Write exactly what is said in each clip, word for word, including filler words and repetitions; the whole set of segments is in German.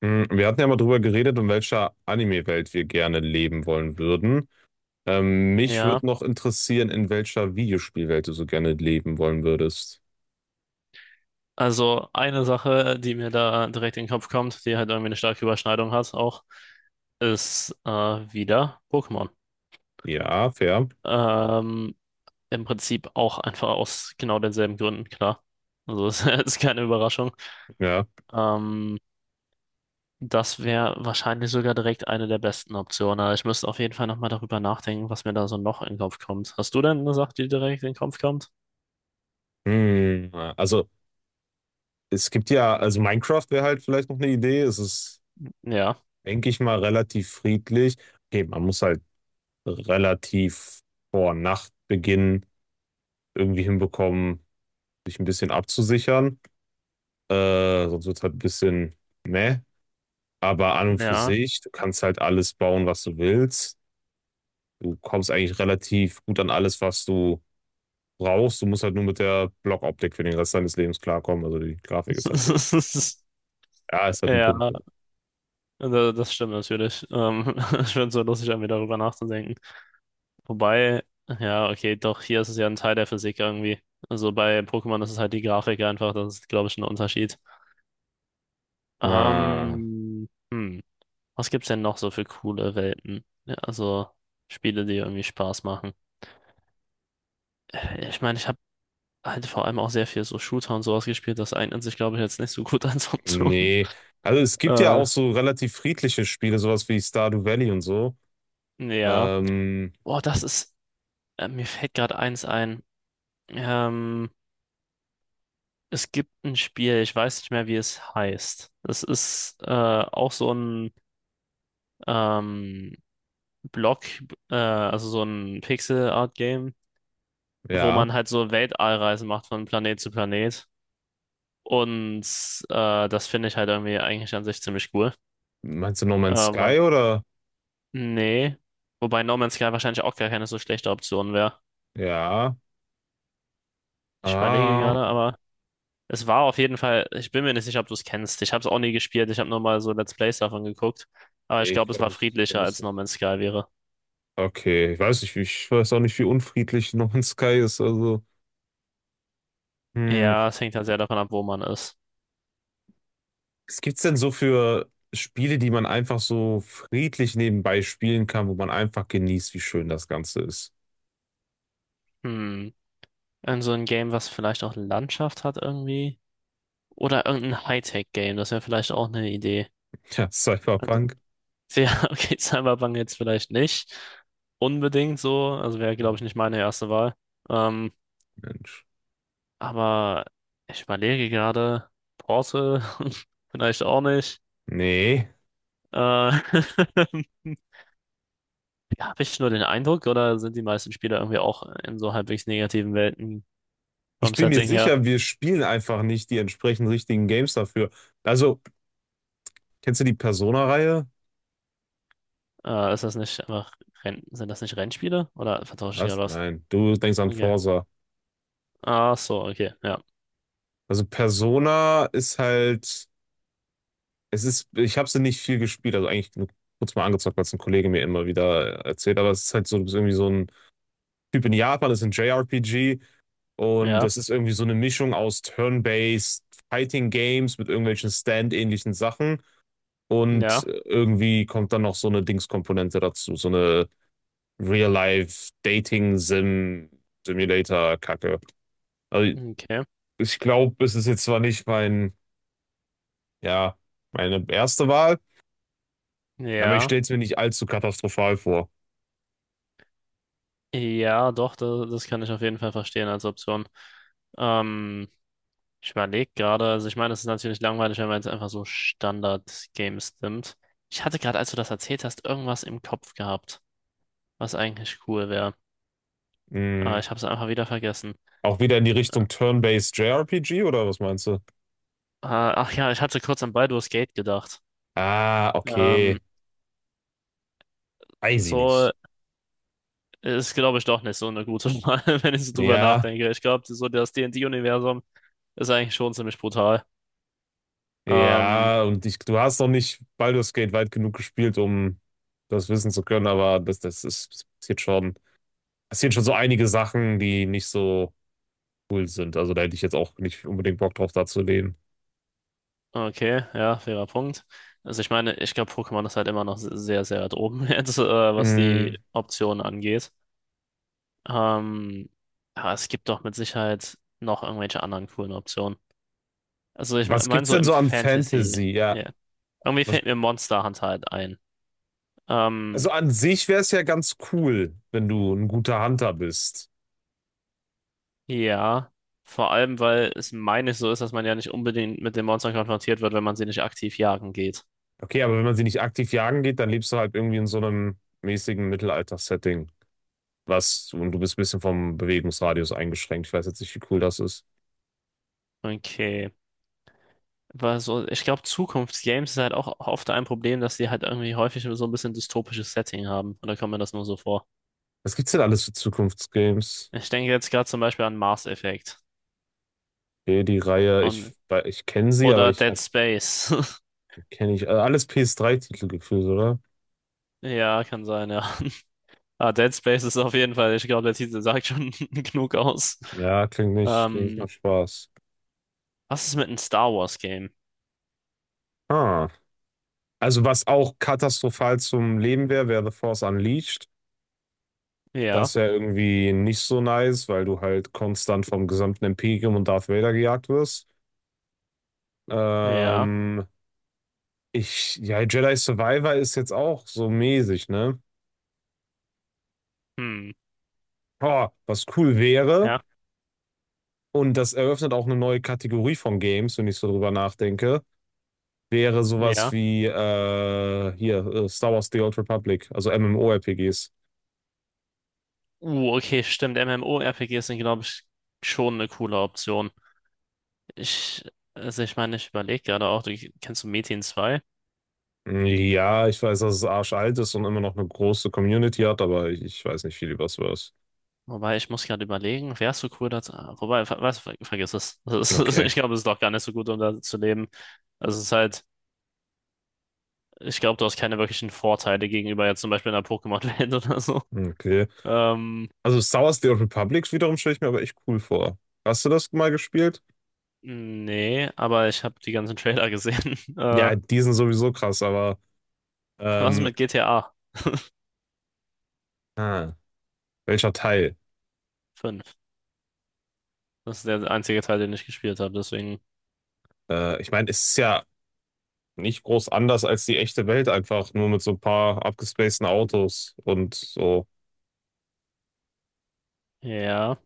Mm, Wir hatten ja mal drüber geredet, in welcher Anime-Welt wir gerne leben wollen würden. Ähm, mich Ja, würde noch interessieren, in welcher Videospielwelt du so gerne leben wollen würdest. also eine Sache, die mir da direkt in den Kopf kommt, die halt irgendwie eine starke Überschneidung hat auch, ist äh, wieder Pokémon. Ja, fair. Ähm, Im Prinzip auch einfach aus genau denselben Gründen, klar. Also es ist keine Überraschung. Ja. Ähm, Das wäre wahrscheinlich sogar direkt eine der besten Optionen. Aber ich müsste auf jeden Fall nochmal darüber nachdenken, was mir da so noch in den Kopf kommt. Hast du denn eine Sache, die direkt in den Kopf kommt? Hm, also, es gibt ja, also Minecraft wäre halt vielleicht noch eine Idee. Es ist, Ja, denke ich mal, relativ friedlich. Okay, man muss halt relativ vor Nachtbeginn irgendwie hinbekommen, sich ein bisschen abzusichern. Äh, sonst wird es halt ein bisschen meh. Aber an und für ja. sich, du kannst halt alles bauen, was du willst. Du kommst eigentlich relativ gut an alles, was du brauchst. Du musst halt nur mit der Blockoptik für den Rest deines Lebens klarkommen. Also die Grafik ist halt so. Ja, ist halt ein Ja. Punkt. Da- Das stimmt natürlich. Ähm, ich finde es so lustig, irgendwie darüber nachzudenken. Wobei, ja, okay, doch, hier ist es ja ein Teil der Physik irgendwie. Also bei Pokémon ist es halt die Grafik einfach, das ist, glaube ich, ein Unterschied. Ah, Ähm, hm, was gibt's denn noch so für coole Welten? Ja, also Spiele, die irgendwie Spaß machen. Äh, Ich meine, ich habe halt vor allem auch sehr viel so Shooter und sowas gespielt, das eignet sich, glaube ich, jetzt nicht so gut als Option. nee. Also es gibt ja Äh, auch so relativ friedliche Spiele, sowas wie Stardew Valley und so. ja. Ähm, Boah, das ist, äh, mir fällt gerade eins ein. Ähm, Es gibt ein Spiel, ich weiß nicht mehr, wie es heißt. Das ist äh, auch so ein ähm, Block, äh, also so ein Pixel-Art-Game, wo ja. man halt so Weltallreisen macht von Planet zu Planet. Und äh, das finde ich halt irgendwie eigentlich an sich ziemlich cool. Meinst du No Man's Aber Sky oder? nee. Wobei No Man's Sky wahrscheinlich auch gar keine so schlechte Option wäre. Ja. Ich überlege Ah, gerade, aber. Es war auf jeden Fall, ich bin mir nicht sicher, ob du es kennst. Ich habe es auch nie gespielt, ich habe nur mal so Let's Plays davon geguckt. Aber ich nee, ich glaube, es glaube, war ich kenne friedlicher das als No nicht. Man's Sky wäre. Okay, ich weiß nicht, wie- ich weiß auch nicht, wie unfriedlich No Man's Sky ist. Also. Hm, Ja, es hängt halt sehr davon ab, wo man ist. was gibt's denn so für Spiele, die man einfach so friedlich nebenbei spielen kann, wo man einfach genießt, wie schön das Ganze ist? Hm. Irgend so ein Game, was vielleicht auch Landschaft hat irgendwie. Oder irgendein Hightech-Game, das wäre vielleicht auch eine Idee. Tja, Also, Cyberpunk? ja, okay, Cyberpunk jetzt vielleicht nicht unbedingt so. Also wäre, glaube ich, nicht meine erste Wahl. Ähm, Mensch. aber ich überlege gerade, Portal vielleicht auch nicht. Nee. Äh, Habe ich nur den Eindruck, oder sind die meisten Spieler irgendwie auch in so halbwegs negativen Welten Ich vom bin mir Setting her? sicher, wir spielen einfach nicht die entsprechend richtigen Games dafür. Also, kennst du die Persona-Reihe? Äh, ist das nicht einfach Renn sind das nicht Rennspiele? Oder vertausche ich Was? gerade was? Nein, du denkst an Okay. Forsa. Ach so, okay. Ja. Also Persona ist halt, es ist, ich habe sie nicht viel gespielt, also eigentlich nur kurz mal angezockt, weil es ein Kollege mir immer wieder erzählt, aber es ist halt so du bist irgendwie so ein Typ in Japan, das ist ein J R P G und Ja. das ist irgendwie so eine Mischung aus Turn-Based Fighting Games mit irgendwelchen Stand-ähnlichen Sachen und Ja. irgendwie kommt dann noch so eine Dings-Komponente dazu, so eine Real-Life Dating Sim Simulator Kacke. Also Okay. ich glaube, es ist jetzt zwar nicht mein, ja, meine erste Wahl, aber ich Ja. stelle es mir nicht allzu katastrophal vor. Ja, doch, das, das kann ich auf jeden Fall verstehen als Option. Ähm, Ich überlege gerade, also ich meine, es ist natürlich langweilig, wenn man jetzt einfach so Standard-Games nimmt. Ich hatte gerade, als du das erzählt hast, irgendwas im Kopf gehabt, was eigentlich cool wäre. Ah, Hm, ich habe es einfach wieder vergessen. auch wieder in die Richtung Turn-Based J R P G oder was meinst du? Ah, ach ja, ich hatte kurz an Baldur's Gate gedacht. Ah, Ähm, okay. Weiß ich so nicht. ist, glaube ich, doch nicht so eine gute Wahl, wenn ich so drüber Ja, nachdenke. Ich glaube, so das D and D-Universum ist eigentlich schon ziemlich brutal. Ähm, ja, und ich, du hast noch nicht Baldur's Gate weit genug gespielt, um das wissen zu können, aber das, das ist, es passiert schon, passiert schon so einige Sachen, die nicht so cool sind. Also da hätte ich jetzt auch nicht unbedingt Bock drauf, da zu leben. okay, ja, fairer Punkt. Also ich meine, ich glaube, Pokémon ist halt immer noch sehr, sehr weit oben jetzt, äh, was Mm, die Optionen angeht. Ähm, aber es gibt doch mit Sicherheit noch irgendwelche anderen coolen Optionen. Also ich Was meine gibt's so denn im so an Fantasy. Fantasy? Ja, Ja. Irgendwie was, fällt mir Monster Hunter halt ein. Ähm, also an sich wäre es ja ganz cool, wenn du ein guter Hunter bist. ja, vor allem, weil es meine ich so ist, dass man ja nicht unbedingt mit den Monstern konfrontiert wird, wenn man sie nicht aktiv jagen geht. Okay, aber wenn man sie nicht aktiv jagen geht, dann lebst du halt irgendwie in so einem mäßigen Mittelalter-Setting. Was, und du bist ein bisschen vom Bewegungsradius eingeschränkt. Ich weiß jetzt nicht, wie cool das ist. Okay. Weil so, ich glaube, Zukunftsgames ist halt auch oft ein Problem, dass die halt irgendwie häufig so ein bisschen dystopisches Setting haben. Oder kommt mir das nur so vor? Was gibt's denn alles für Zukunftsgames? Ich denke jetzt gerade zum Beispiel an Mass Effect. Hier die Reihe, ich, Und, wei- ich kenne sie, aber oder ich Dead Space. kenne ich. Äh, Alles P S drei-Titel gefühlt, oder? Ja, kann sein, ja. Ah, Dead Space ist auf jeden Fall, ich glaube, der Titel sagt schon genug aus. Ja, klingt nicht, klingt nicht nach Ähm. Spaß. Was ist mit einem Star Wars Game? Ah. Also was auch katastrophal zum Leben wäre, wäre The Force Unleashed. Das Ja, wäre irgendwie nicht so nice, weil du halt konstant vom gesamten Imperium und Darth Vader gejagt wirst. ja, Ähm, ich, ja, Jedi Survivor ist jetzt auch so mäßig, ne? hm, Boah, was cool wäre, ja, und das eröffnet auch eine neue Kategorie von Games, wenn ich so drüber nachdenke, wäre sowas ja. wie äh, hier äh, Star Wars The Old Republic, also MMORPGs. Uh, okay, stimmt. MMORPGs sind, glaube ich, schon eine coole Option. Ich, also ich meine, ich überlege gerade auch, du kennst du Metin zwei? Ja, ich weiß, dass es arschalt ist und immer noch eine große Community hat, aber ich, ich weiß nicht viel über Star Wars. Wobei, ich muss gerade überlegen, wärst du cool dazu? ah, Wobei, ver was, ver vergiss es. Das ist, Okay, ich glaube, es ist doch gar nicht so gut, um da zu leben. Also es ist halt, ich glaube, du hast keine wirklichen Vorteile gegenüber jetzt zum Beispiel einer Pokémon-Welt oder so. okay. Ähm, Also Star Wars The Old Republic wiederum stelle ich mir aber echt cool vor. Hast du das mal gespielt? Nee, aber ich habe die ganzen Trailer gesehen. Äh, Ja, die sind sowieso krass, aber Was ähm, mit G T A ah, welcher Teil? fünf? Das ist der einzige Teil, den ich gespielt habe, deswegen. Äh, ich meine, es ist ja nicht groß anders als die echte Welt, einfach nur mit so ein paar abgespaceden Autos und so. Ja.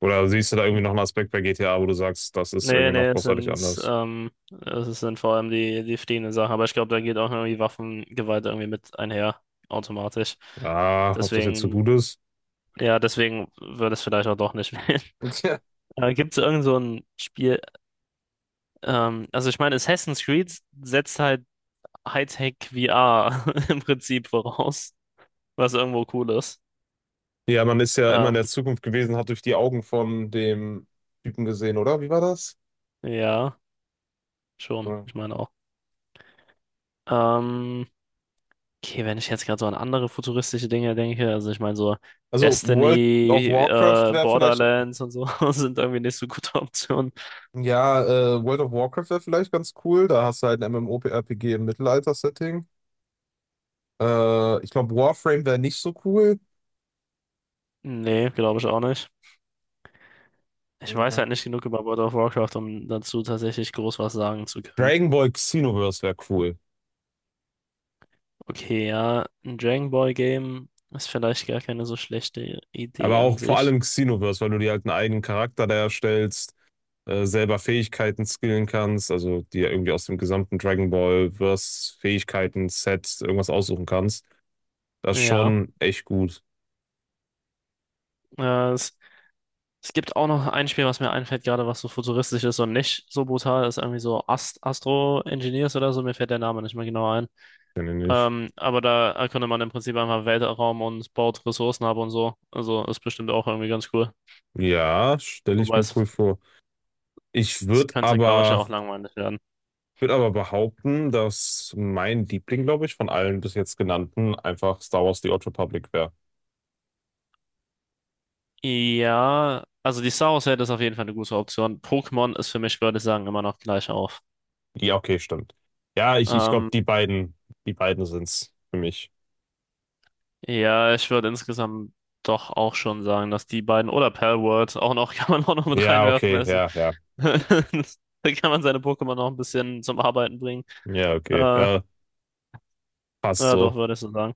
Oder siehst du da irgendwie noch einen Aspekt bei G T A, wo du sagst, das ist irgendwie Nee, nee, noch es großartig sind, anders? ähm, es sind vor allem die, die fliehenden Sachen, aber ich glaube, da geht auch irgendwie Waffengewalt irgendwie mit einher, automatisch. Ja, ob das jetzt so Deswegen, gut ist? ja, deswegen würde es vielleicht auch doch nicht wählen. Ja. Äh, gibt es irgend so ein Spiel, ähm, also ich meine, Assassin's Creed setzt halt Hightech V R im Prinzip voraus, was irgendwo cool ist. Ja, man ist ja immer in Ähm, der Zukunft gewesen, hat durch die Augen von dem Typen gesehen, oder? Wie war das? ja, schon, Ja. ich meine. Ähm, okay, wenn ich jetzt gerade so an andere futuristische Dinge denke, also ich meine so Also World of Destiny, Warcraft äh, wäre vielleicht, Borderlands und so sind irgendwie nicht so gute Optionen. ja, äh, World of Warcraft wäre vielleicht ganz cool. Da hast du halt ein MMORPG im Mittelalter-Setting. Äh, ich glaube, Warframe wäre nicht so cool. Nee, glaube ich auch nicht. Ich weiß halt nicht genug über World of Warcraft, um dazu tatsächlich groß was sagen zu können. Dragon Ball Xenoverse wäre cool. Okay, ja, ein Dragon Ball Game ist vielleicht gar keine so schlechte Aber Idee an auch vor sich. allem Xenoverse, weil du dir halt einen eigenen Charakter da erstellst, äh, selber Fähigkeiten skillen kannst, also dir irgendwie aus dem gesamten Dragon Ball Verse Fähigkeiten Set irgendwas aussuchen kannst. Das ist Ja, schon echt gut, äh, es Es gibt auch noch ein Spiel, was mir einfällt, gerade was so futuristisch ist und nicht so brutal ist, irgendwie so Ast Astro Engineers oder so, mir fällt der Name nicht mehr genau ein. finde ich. Ähm, aber da erkundet man im Prinzip einfach Weltraum und baut Ressourcen ab und so. Also ist bestimmt auch irgendwie ganz cool. Ja, stelle ich Wobei mir es, cool vor. Ich es würde könnte, glaube ich, ja aber, auch langweilig werden. würd aber behaupten, dass mein Liebling, glaube ich, von allen bis jetzt genannten einfach Star Wars The Old Republic wäre. Ja, also die Star Wars-Welt ist auf jeden Fall eine gute Option. Pokémon ist für mich, würde ich sagen, immer noch gleich auf. Ja, okay, stimmt. Ja, ich, ich glaube, Ähm, die beiden, die beiden sind's für mich. Ja, ich würde insgesamt doch auch schon sagen, dass die beiden oder Palworld auch noch, kann man auch noch mit Ja, reinwerfen. okay, Also, ja, ja. da kann man seine Pokémon noch ein bisschen zum Arbeiten bringen. Ja, okay. Äh, Ja, passt ja, doch, so. würde ich so sagen.